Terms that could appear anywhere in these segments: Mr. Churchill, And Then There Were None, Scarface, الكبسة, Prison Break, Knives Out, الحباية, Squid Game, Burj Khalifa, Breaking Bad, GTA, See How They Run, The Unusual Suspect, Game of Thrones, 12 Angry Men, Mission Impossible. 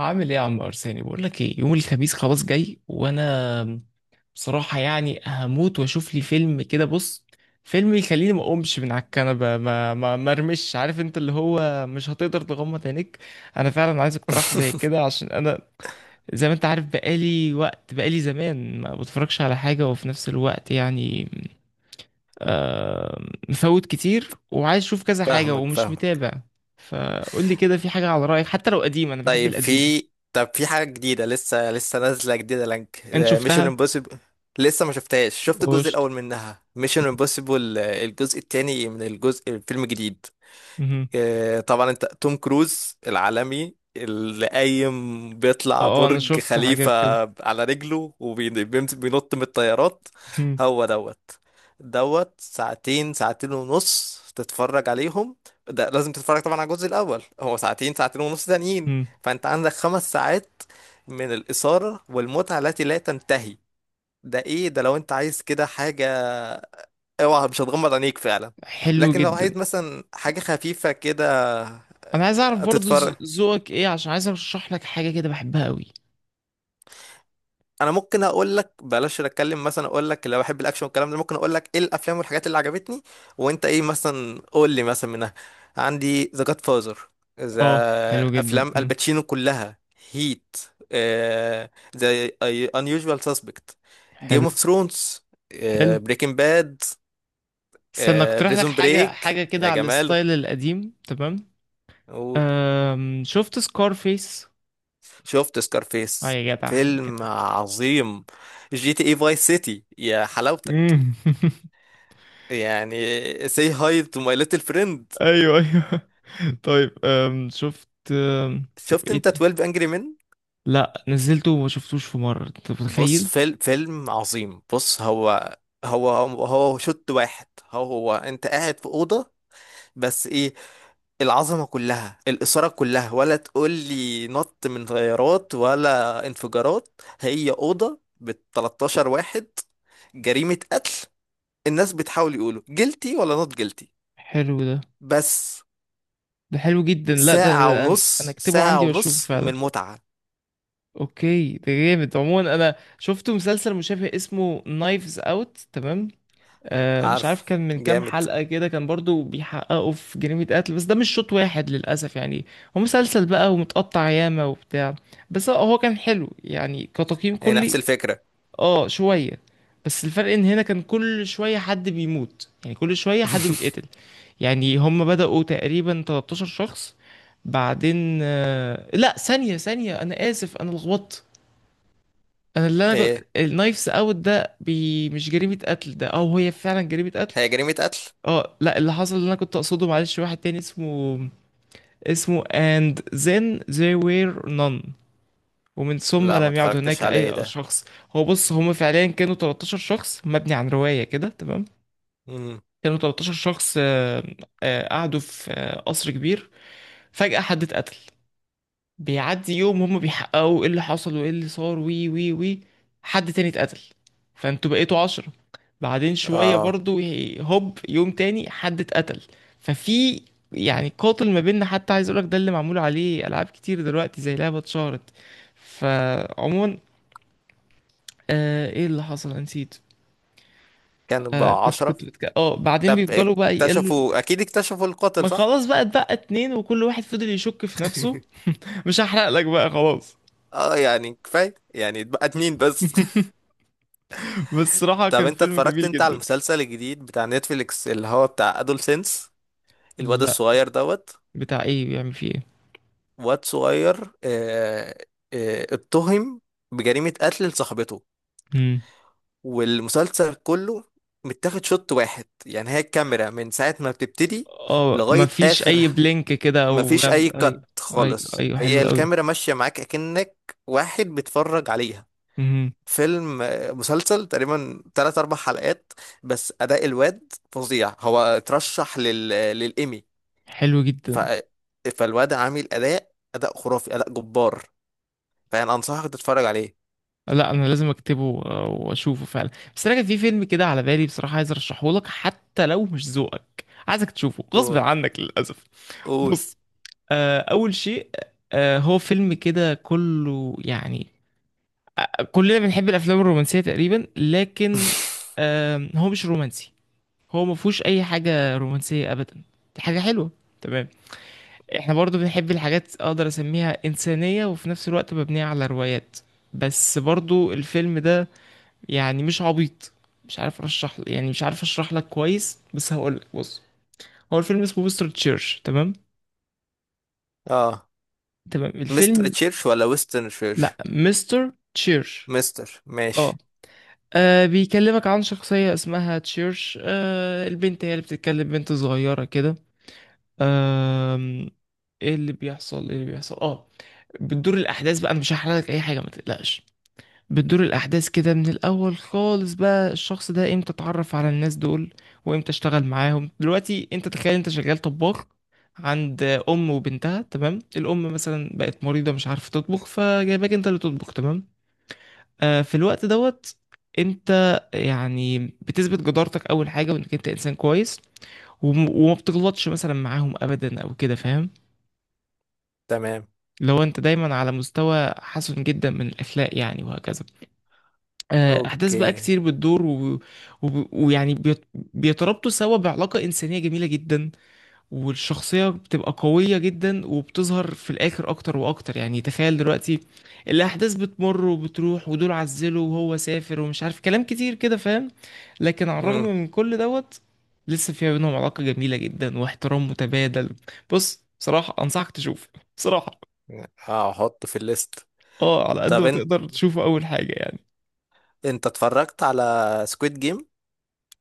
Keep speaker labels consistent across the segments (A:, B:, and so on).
A: عامل ايه يا عم ارساني؟ بقول لك ايه، يوم الخميس خلاص جاي وانا بصراحه يعني هموت واشوف لي فيلم كده. بص، فيلم يخليني ما اقومش من على الكنبه، ما ارمش، عارف انت اللي هو مش هتقدر تغمض عينيك. انا فعلا عايز اقتراح زي كده، عشان انا زي ما انت عارف بقالي وقت بقالي زمان ما بتفرجش على حاجه وفي نفس الوقت يعني آه مفوت كتير وعايز اشوف كذا حاجه
B: فاهمك
A: ومش
B: فاهمك.
A: متابع. فقول لي كده، في حاجه على رايك، حتى لو قديم انا بحب
B: طيب
A: القديم.
B: في طب في حاجة جديدة، لسه نازلة جديدة لانك
A: انت
B: ميشن
A: شفتها؟
B: امبوسيبل. لسه ما شفتهاش، شفت الجزء
A: قشطة.
B: الأول منها. ميشن امبوسيبل الجزء التاني، من الجزء الفيلم الجديد.
A: مهم.
B: طبعا انت توم كروز العالمي اللي قايم بيطلع
A: انا
B: برج
A: شفت
B: خليفة
A: حاجات كده.
B: على رجله وبينط من الطيارات.
A: مهم.
B: هو دوت دوت ساعتين، ساعتين ونص تتفرج عليهم. ده لازم تتفرج طبعا على الجزء الأول، هو ساعتين، ساعتين ونص تانيين.
A: مهم.
B: فانت عندك 5 ساعات من الإثارة والمتعة التي لا تنتهي. ده ايه ده؟ لو انت عايز كده حاجة اوعى مش هتغمض عينيك فعلا.
A: حلو
B: لكن لو
A: جدا.
B: عايز مثلا حاجة خفيفة كده
A: انا عايز اعرف برضو
B: هتتفرج،
A: ذوقك ايه، عشان عايز ارشح لك حاجة كده بحبها قوي.
B: انا ممكن اقول لك. بلاش اتكلم مثلا، اقول لك لو بحب الاكشن والكلام ده، ممكن اقول لك ايه الافلام والحاجات اللي عجبتني. وانت ايه مثلا؟ قول لي مثلا منها. عندي ذا جاد فازر، ذا
A: اه حلو جدا.
B: افلام
A: مم.
B: الباتشينو كلها، هيت، ذا انيوجوال سسبكت، جيم
A: حلو.
B: اوف ثرونز،
A: حلو،
B: بريكنج باد،
A: استنى اقترح لك
B: بريزون
A: حاجة
B: بريك،
A: كده
B: يا
A: على
B: جماله.
A: الستايل القديم، تمام.
B: قول.
A: شفت سكارفيس؟
B: شفت
A: اه
B: سكارفيس،
A: يا جدع يا جدع.
B: فيلم عظيم. جي تي اي فاي سيتي، يا حلاوتك.
A: مم.
B: يعني سي هاي تو ماي ليتل فريند.
A: ايوه ايوه. طيب شفت طب
B: شفت
A: ايه
B: انت
A: ده؟
B: 12 انجري مين؟
A: لا نزلته وما شفتوش في مرة، انت
B: بص،
A: متخيل؟
B: فيلم عظيم. بص، هو هو شوت واحد. هو انت قاعد في اوضه، بس ايه، العظمه كلها، الاثاره كلها، ولا تقول لي نط من طيارات ولا انفجارات. هي اوضه ب 13 واحد، جريمه قتل، الناس بتحاول يقولوا جلتي ولا نوت جلتي.
A: حلو ده.
B: بس
A: ده حلو جدا. لا، ده
B: ساعة
A: ده انا
B: ونص،
A: اكتبه
B: ساعة
A: عندي واشوفه
B: ونص
A: فعلا.
B: من متعة.
A: اوكي، ده جامد. عموما انا شفت مسلسل مشابه اسمه نايفز اوت، تمام؟ آه مش عارف
B: عارف،
A: كان من كام
B: جامد.
A: حلقة كده، كان برضو بيحققوا في جريمة قتل بس ده مش شوط واحد للأسف يعني. هو مسلسل بقى ومتقطع ياما وبتاع، بس هو كان حلو يعني كتقييم
B: هي نفس
A: كلي.
B: الفكرة.
A: اه شوية. بس الفرق ان هنا كان كل شوية حد بيموت، يعني كل شوية حد بيتقتل. يعني هم بدأوا تقريبا 13 شخص. بعدين لا، ثانية ثانية، أنا آسف أنا لخبطت. أنا اللي أنا كنت
B: ايه،
A: النايفز أوت ده مش جريمة قتل، ده أو هي فعلا جريمة قتل.
B: هي جريمة قتل.
A: أه لا، اللي حصل اللي أنا كنت أقصده معلش، واحد تاني اسمه، and then there were none، ومن ثم
B: لا، ما
A: لم يعد
B: اتفرجتش
A: هناك
B: عليه
A: أي
B: ده.
A: شخص. هو بص هم فعليا كانوا 13 شخص مبني عن رواية كده، تمام؟
B: امم.
A: كانوا 13 شخص، قعدوا في قصر كبير. فجأة حد اتقتل. بيعدي يوم هم بيحققوا ايه اللي حصل وايه اللي صار، وي وي وي حد تاني اتقتل. فانتوا بقيتوا 10. بعدين شوية
B: اه.
A: برضو هوب يوم تاني حد اتقتل. ففي يعني قاتل ما بيننا. حتى عايز اقولك ده اللي معمول عليه العاب كتير دلوقتي زي لعبة اتشهرت. فعموما ايه اللي حصل، أنا نسيت.
B: كان بقى
A: كنت
B: عشرة.
A: كنت بعدين
B: طب
A: بيفضلوا بقى يقلوا.
B: اكتشفوا، اكيد اكتشفوا القاتل
A: ما
B: صح؟
A: خلاص بقى اتبقى اتنين وكل واحد فضل يشك في نفسه. مش هحرق لك بقى خلاص.
B: اه يعني كفاية، يعني اتبقت مين بس؟
A: بس صراحة
B: طب
A: كان
B: انت
A: فيلم
B: اتفرجت
A: جميل
B: انت على
A: جدا.
B: المسلسل الجديد بتاع نتفليكس اللي هو بتاع ادول سينس؟ الواد
A: لا،
B: الصغير دوت.
A: بتاع ايه؟ بيعمل فيه ايه؟
B: واد صغير، اتهم بجريمة قتل لصاحبته.
A: امم.
B: والمسلسل كله متاخد شوت واحد، يعني هي الكاميرا من ساعة ما بتبتدي
A: اه
B: لغاية
A: مفيش
B: آخر.
A: اي بلينك كده او
B: مفيش أي
A: ايوه.
B: كات
A: ايوه
B: خالص،
A: ايوه
B: هي
A: حلو قوي.
B: الكاميرا ماشية معاك أكنك واحد بيتفرج عليها.
A: امم.
B: فيلم، مسلسل، تقريبا تلات أربع حلقات. بس أداء الواد فظيع، هو اترشح لل... آه، للإيمي.
A: حلو جدا.
B: ف... آه، فالواد عامل أداء، أداء خرافي، أداء جبار، فاهم؟ انصحك تتفرج عليه.
A: لا انا لازم اكتبه واشوفه فعلا. بس انا كان في فيلم كده على بالي بصراحه، عايز ارشحه لك حتى لو مش ذوقك، عايزك تشوفه غصب
B: قول،
A: عنك للاسف.
B: قول.
A: بص، اول شيء، هو فيلم كده كله يعني. كلنا بنحب الافلام الرومانسيه تقريبا، لكن هو مش رومانسي. هو ما فيهوش اي حاجه رومانسيه ابدا. دي حاجه حلوه، تمام. احنا برضو بنحب الحاجات اقدر اسميها انسانيه وفي نفس الوقت مبنيه على روايات. بس برضو الفيلم ده يعني مش عبيط. مش عارف ارشح، يعني مش عارف اشرح لك كويس، بس هقول لك. بص، هو الفيلم اسمه مستر تشيرش، تمام؟
B: اه،
A: تمام
B: مستر
A: الفيلم.
B: تشيرش ولا ويسترن
A: لا،
B: تشيرش؟
A: مستر تشيرش.
B: مستر، ماشي.
A: اه. بيكلمك عن شخصية اسمها تشيرش. البنت هي اللي بتتكلم، بنت صغيرة كده. أم... ايه اللي بيحصل، ايه اللي بيحصل. اه، بتدور الاحداث بقى، انا مش هحرق لك اي حاجه ما تقلقش. بتدور الاحداث كده من الاول خالص بقى، الشخص ده امتى اتعرف على الناس دول وامتى اشتغل معاهم. دلوقتي انت تخيل انت شغال طباخ عند ام وبنتها، تمام؟ الام مثلا بقت مريضه مش عارفه تطبخ، فجايباك انت اللي تطبخ، تمام. في الوقت دوت انت يعني بتثبت جدارتك اول حاجه، وانك انت انسان كويس وما بتغلطش مثلا معاهم ابدا او كده، فاهم؟
B: تمام.
A: لو انت دايما على مستوى حسن جدا من الاخلاق يعني، وهكذا. احداث
B: اوكي.
A: بقى كتير بتدور ويعني بيتربطوا سوا بعلاقة انسانية جميلة جدا. والشخصية بتبقى قوية جدا وبتظهر في الاخر اكتر واكتر. يعني تخيل دلوقتي الاحداث بتمر وبتروح، ودول عزلوا وهو سافر ومش عارف، كلام كتير كده فاهم. لكن على الرغم
B: امم.
A: من كل دوت لسه في بينهم علاقة جميلة جدا واحترام متبادل. بص بصراحة انصحك تشوف. بصراحة
B: هحطه في الليست.
A: اه على قد
B: طب
A: ما
B: انت
A: تقدر تشوفه اول حاجه يعني.
B: انت اتفرجت على سكويد جيم،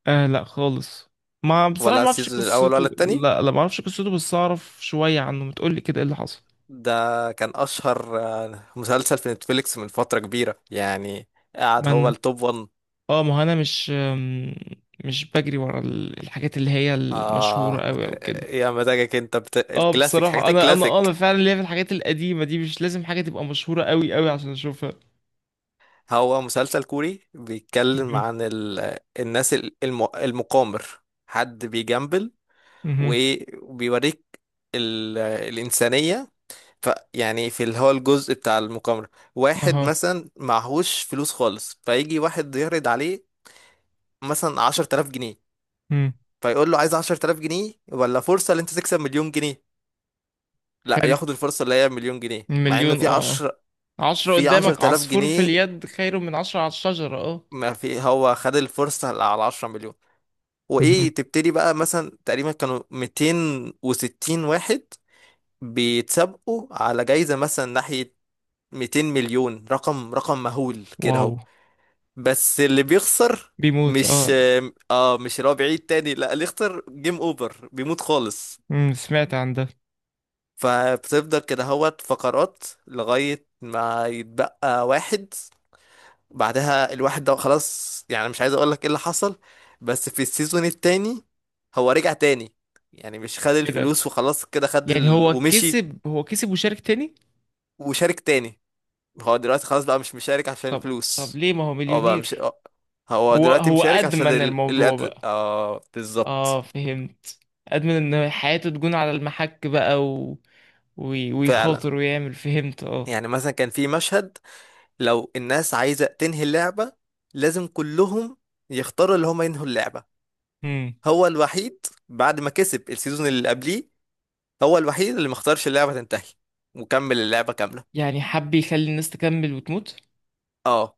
A: آه لا خالص، ما بصراحه
B: ولا
A: ما اعرفش
B: السيزون الاول ولا
A: قصته،
B: التاني؟
A: لا لا ما اعرفش قصته، بس اعرف شويه عنه، ما تقول لي كده ايه اللي حصل.
B: ده كان اشهر مسلسل في نتفليكس من فترة كبيرة يعني، قاعد
A: ما
B: هو
A: انا،
B: التوب 1.
A: اه ما هو انا مش مش بجري ورا الحاجات اللي هي المشهوره
B: اه،
A: قوي او كده.
B: يا مزاجك انت
A: اه
B: الكلاسيك،
A: بصراحه
B: حاجات
A: انا
B: الكلاسيك.
A: فعلا ليا في الحاجات القديمه دي، مش لازم حاجه تبقى مشهوره قوي قوي عشان اشوفها.
B: هو مسلسل كوري بيتكلم
A: مهم.
B: عن الناس المقامر، حد بيجامبل
A: مهم.
B: وبيوريك الإنسانية. ف... يعني في اللي هو الجزء بتاع المقامرة. واحد
A: اها.
B: مثلا معهوش فلوس خالص، فيجي واحد يعرض عليه مثلا 10 تلاف جنيه.
A: مم.
B: فيقول له، عايز 10 تلاف جنيه ولا فرصة اللي انت تكسب 1 مليون جنيه؟ لا،
A: حلو.
B: ياخد الفرصة اللي هي 1 مليون جنيه، مع ان
A: مليون،
B: في
A: اه
B: عشر،
A: اه، عشرة
B: في عشر
A: قدامك،
B: تلاف
A: عصفور في
B: جنيه
A: اليد خير من عشرة على الشجرة، اه.
B: ما في، هو خد الفرصة على 10 مليون.
A: مهم.
B: وايه، تبتدي بقى. مثلا تقريبا كانوا 260 واحد بيتسابقوا على جايزة مثلا ناحية 200 مليون، رقم مهول كده
A: واو.
B: اهو. بس اللي بيخسر،
A: بيموت
B: مش،
A: اه.
B: اه مش اللي هو بعيد تاني، لا، اللي يخسر جيم اوفر، بيموت خالص.
A: امم، سمعت عن ده.
B: فبتفضل كده اهوت فقرات لغاية ما يتبقى واحد. بعدها الواحد ده خلاص، يعني مش عايز اقول لك ايه اللي حصل. بس في السيزون التاني هو رجع تاني، يعني مش خد
A: ايه ده؟
B: الفلوس وخلاص كده، خد
A: يعني هو
B: ومشي،
A: كسب؟ هو كسب وشارك تاني؟
B: وشارك تاني. هو دلوقتي خلاص بقى مش مشارك عشان
A: طب،
B: الفلوس.
A: ليه، ما هو
B: هو بقى مش
A: مليونير.
B: هو
A: هو
B: دلوقتي
A: هو
B: مشارك عشان
A: أدمن الموضوع بقى.
B: اه
A: اه
B: بالظبط،
A: فهمت. أدمن ان حياته تكون على المحك بقى
B: فعلا.
A: ويخاطر ويعمل، فهمت. اه.
B: يعني مثلا كان في مشهد، لو الناس عايزة تنهي اللعبة لازم كلهم يختاروا اللي هم ينهوا اللعبة.
A: امم،
B: هو الوحيد بعد ما كسب السيزون اللي قبليه، هو الوحيد اللي ما اختارش اللعبة تنتهي، وكمل اللعبة كاملة.
A: يعني حب يخلي الناس تكمل وتموت.
B: اه،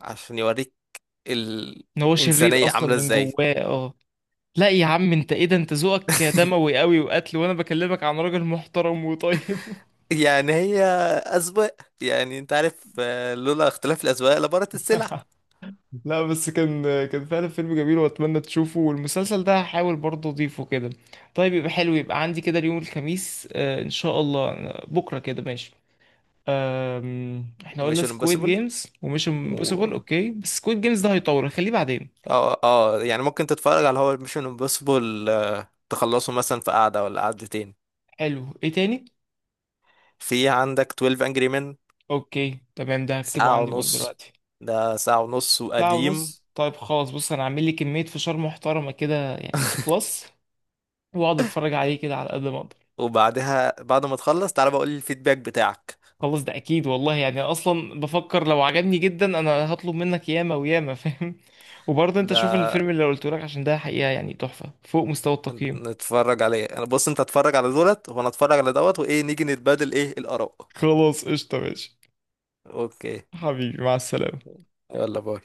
B: عشان يوريك
A: ان هو شرير
B: الإنسانية
A: اصلا
B: عاملة
A: من
B: ازاي.
A: جواه اه. لا يا عم، انت ايه ده؟ انت ذوقك دموي قوي وقتل وانا بكلمك عن راجل محترم وطيب.
B: يعني هي أذواق، يعني انت عارف، لولا اختلاف الأذواق لبارت السلع.
A: لا بس كان فعلا فيلم جميل واتمنى تشوفه. والمسلسل ده هحاول برضه اضيفه كده. طيب يبقى حلو، يبقى عندي كده اليوم الخميس، ان شاء الله، بكره كده ماشي. احنا قلنا
B: ميشن
A: سكويد
B: امبوسيبل
A: جيمز ومش
B: و
A: امبوسيبل، اوكي، بس سكويد جيمز ده هيطول، خليه بعدين.
B: اه يعني ممكن تتفرج على، هو ميشن امبوسيبل تخلصه مثلا في قعدة ولا قعدتين.
A: حلو، ايه تاني؟
B: في عندك 12 انجري مان،
A: اوكي تمام، ده هكتبه
B: ساعة
A: عندي برضه
B: ونص،
A: دلوقتي.
B: ده ساعة ونص
A: ساعة
B: وقديم.
A: ونص، طيب خلاص. بص انا عامل لي كمية فشار محترمة كده يعني ما تخلص، واقعد اتفرج عليه كده على قد ما اقدر.
B: وبعدها بعد ما تخلص تعالى بقول لي الفيدباك بتاعك.
A: خلاص، ده اكيد والله. يعني أنا اصلا بفكر لو عجبني جدا انا هطلب منك ياما وياما فاهم. وبرضه انت شوف
B: ده
A: الفيلم اللي قلته لك عشان ده حقيقة يعني تحفة فوق مستوى التقييم.
B: نتفرج عليه. انا بص، انت اتفرج على دولت وانا اتفرج على دوت، وايه نيجي نتبادل ايه الاراء.
A: خلاص قشطة ماشي.
B: اوكي.
A: حبيبي، مع السلامة.
B: يلا باي.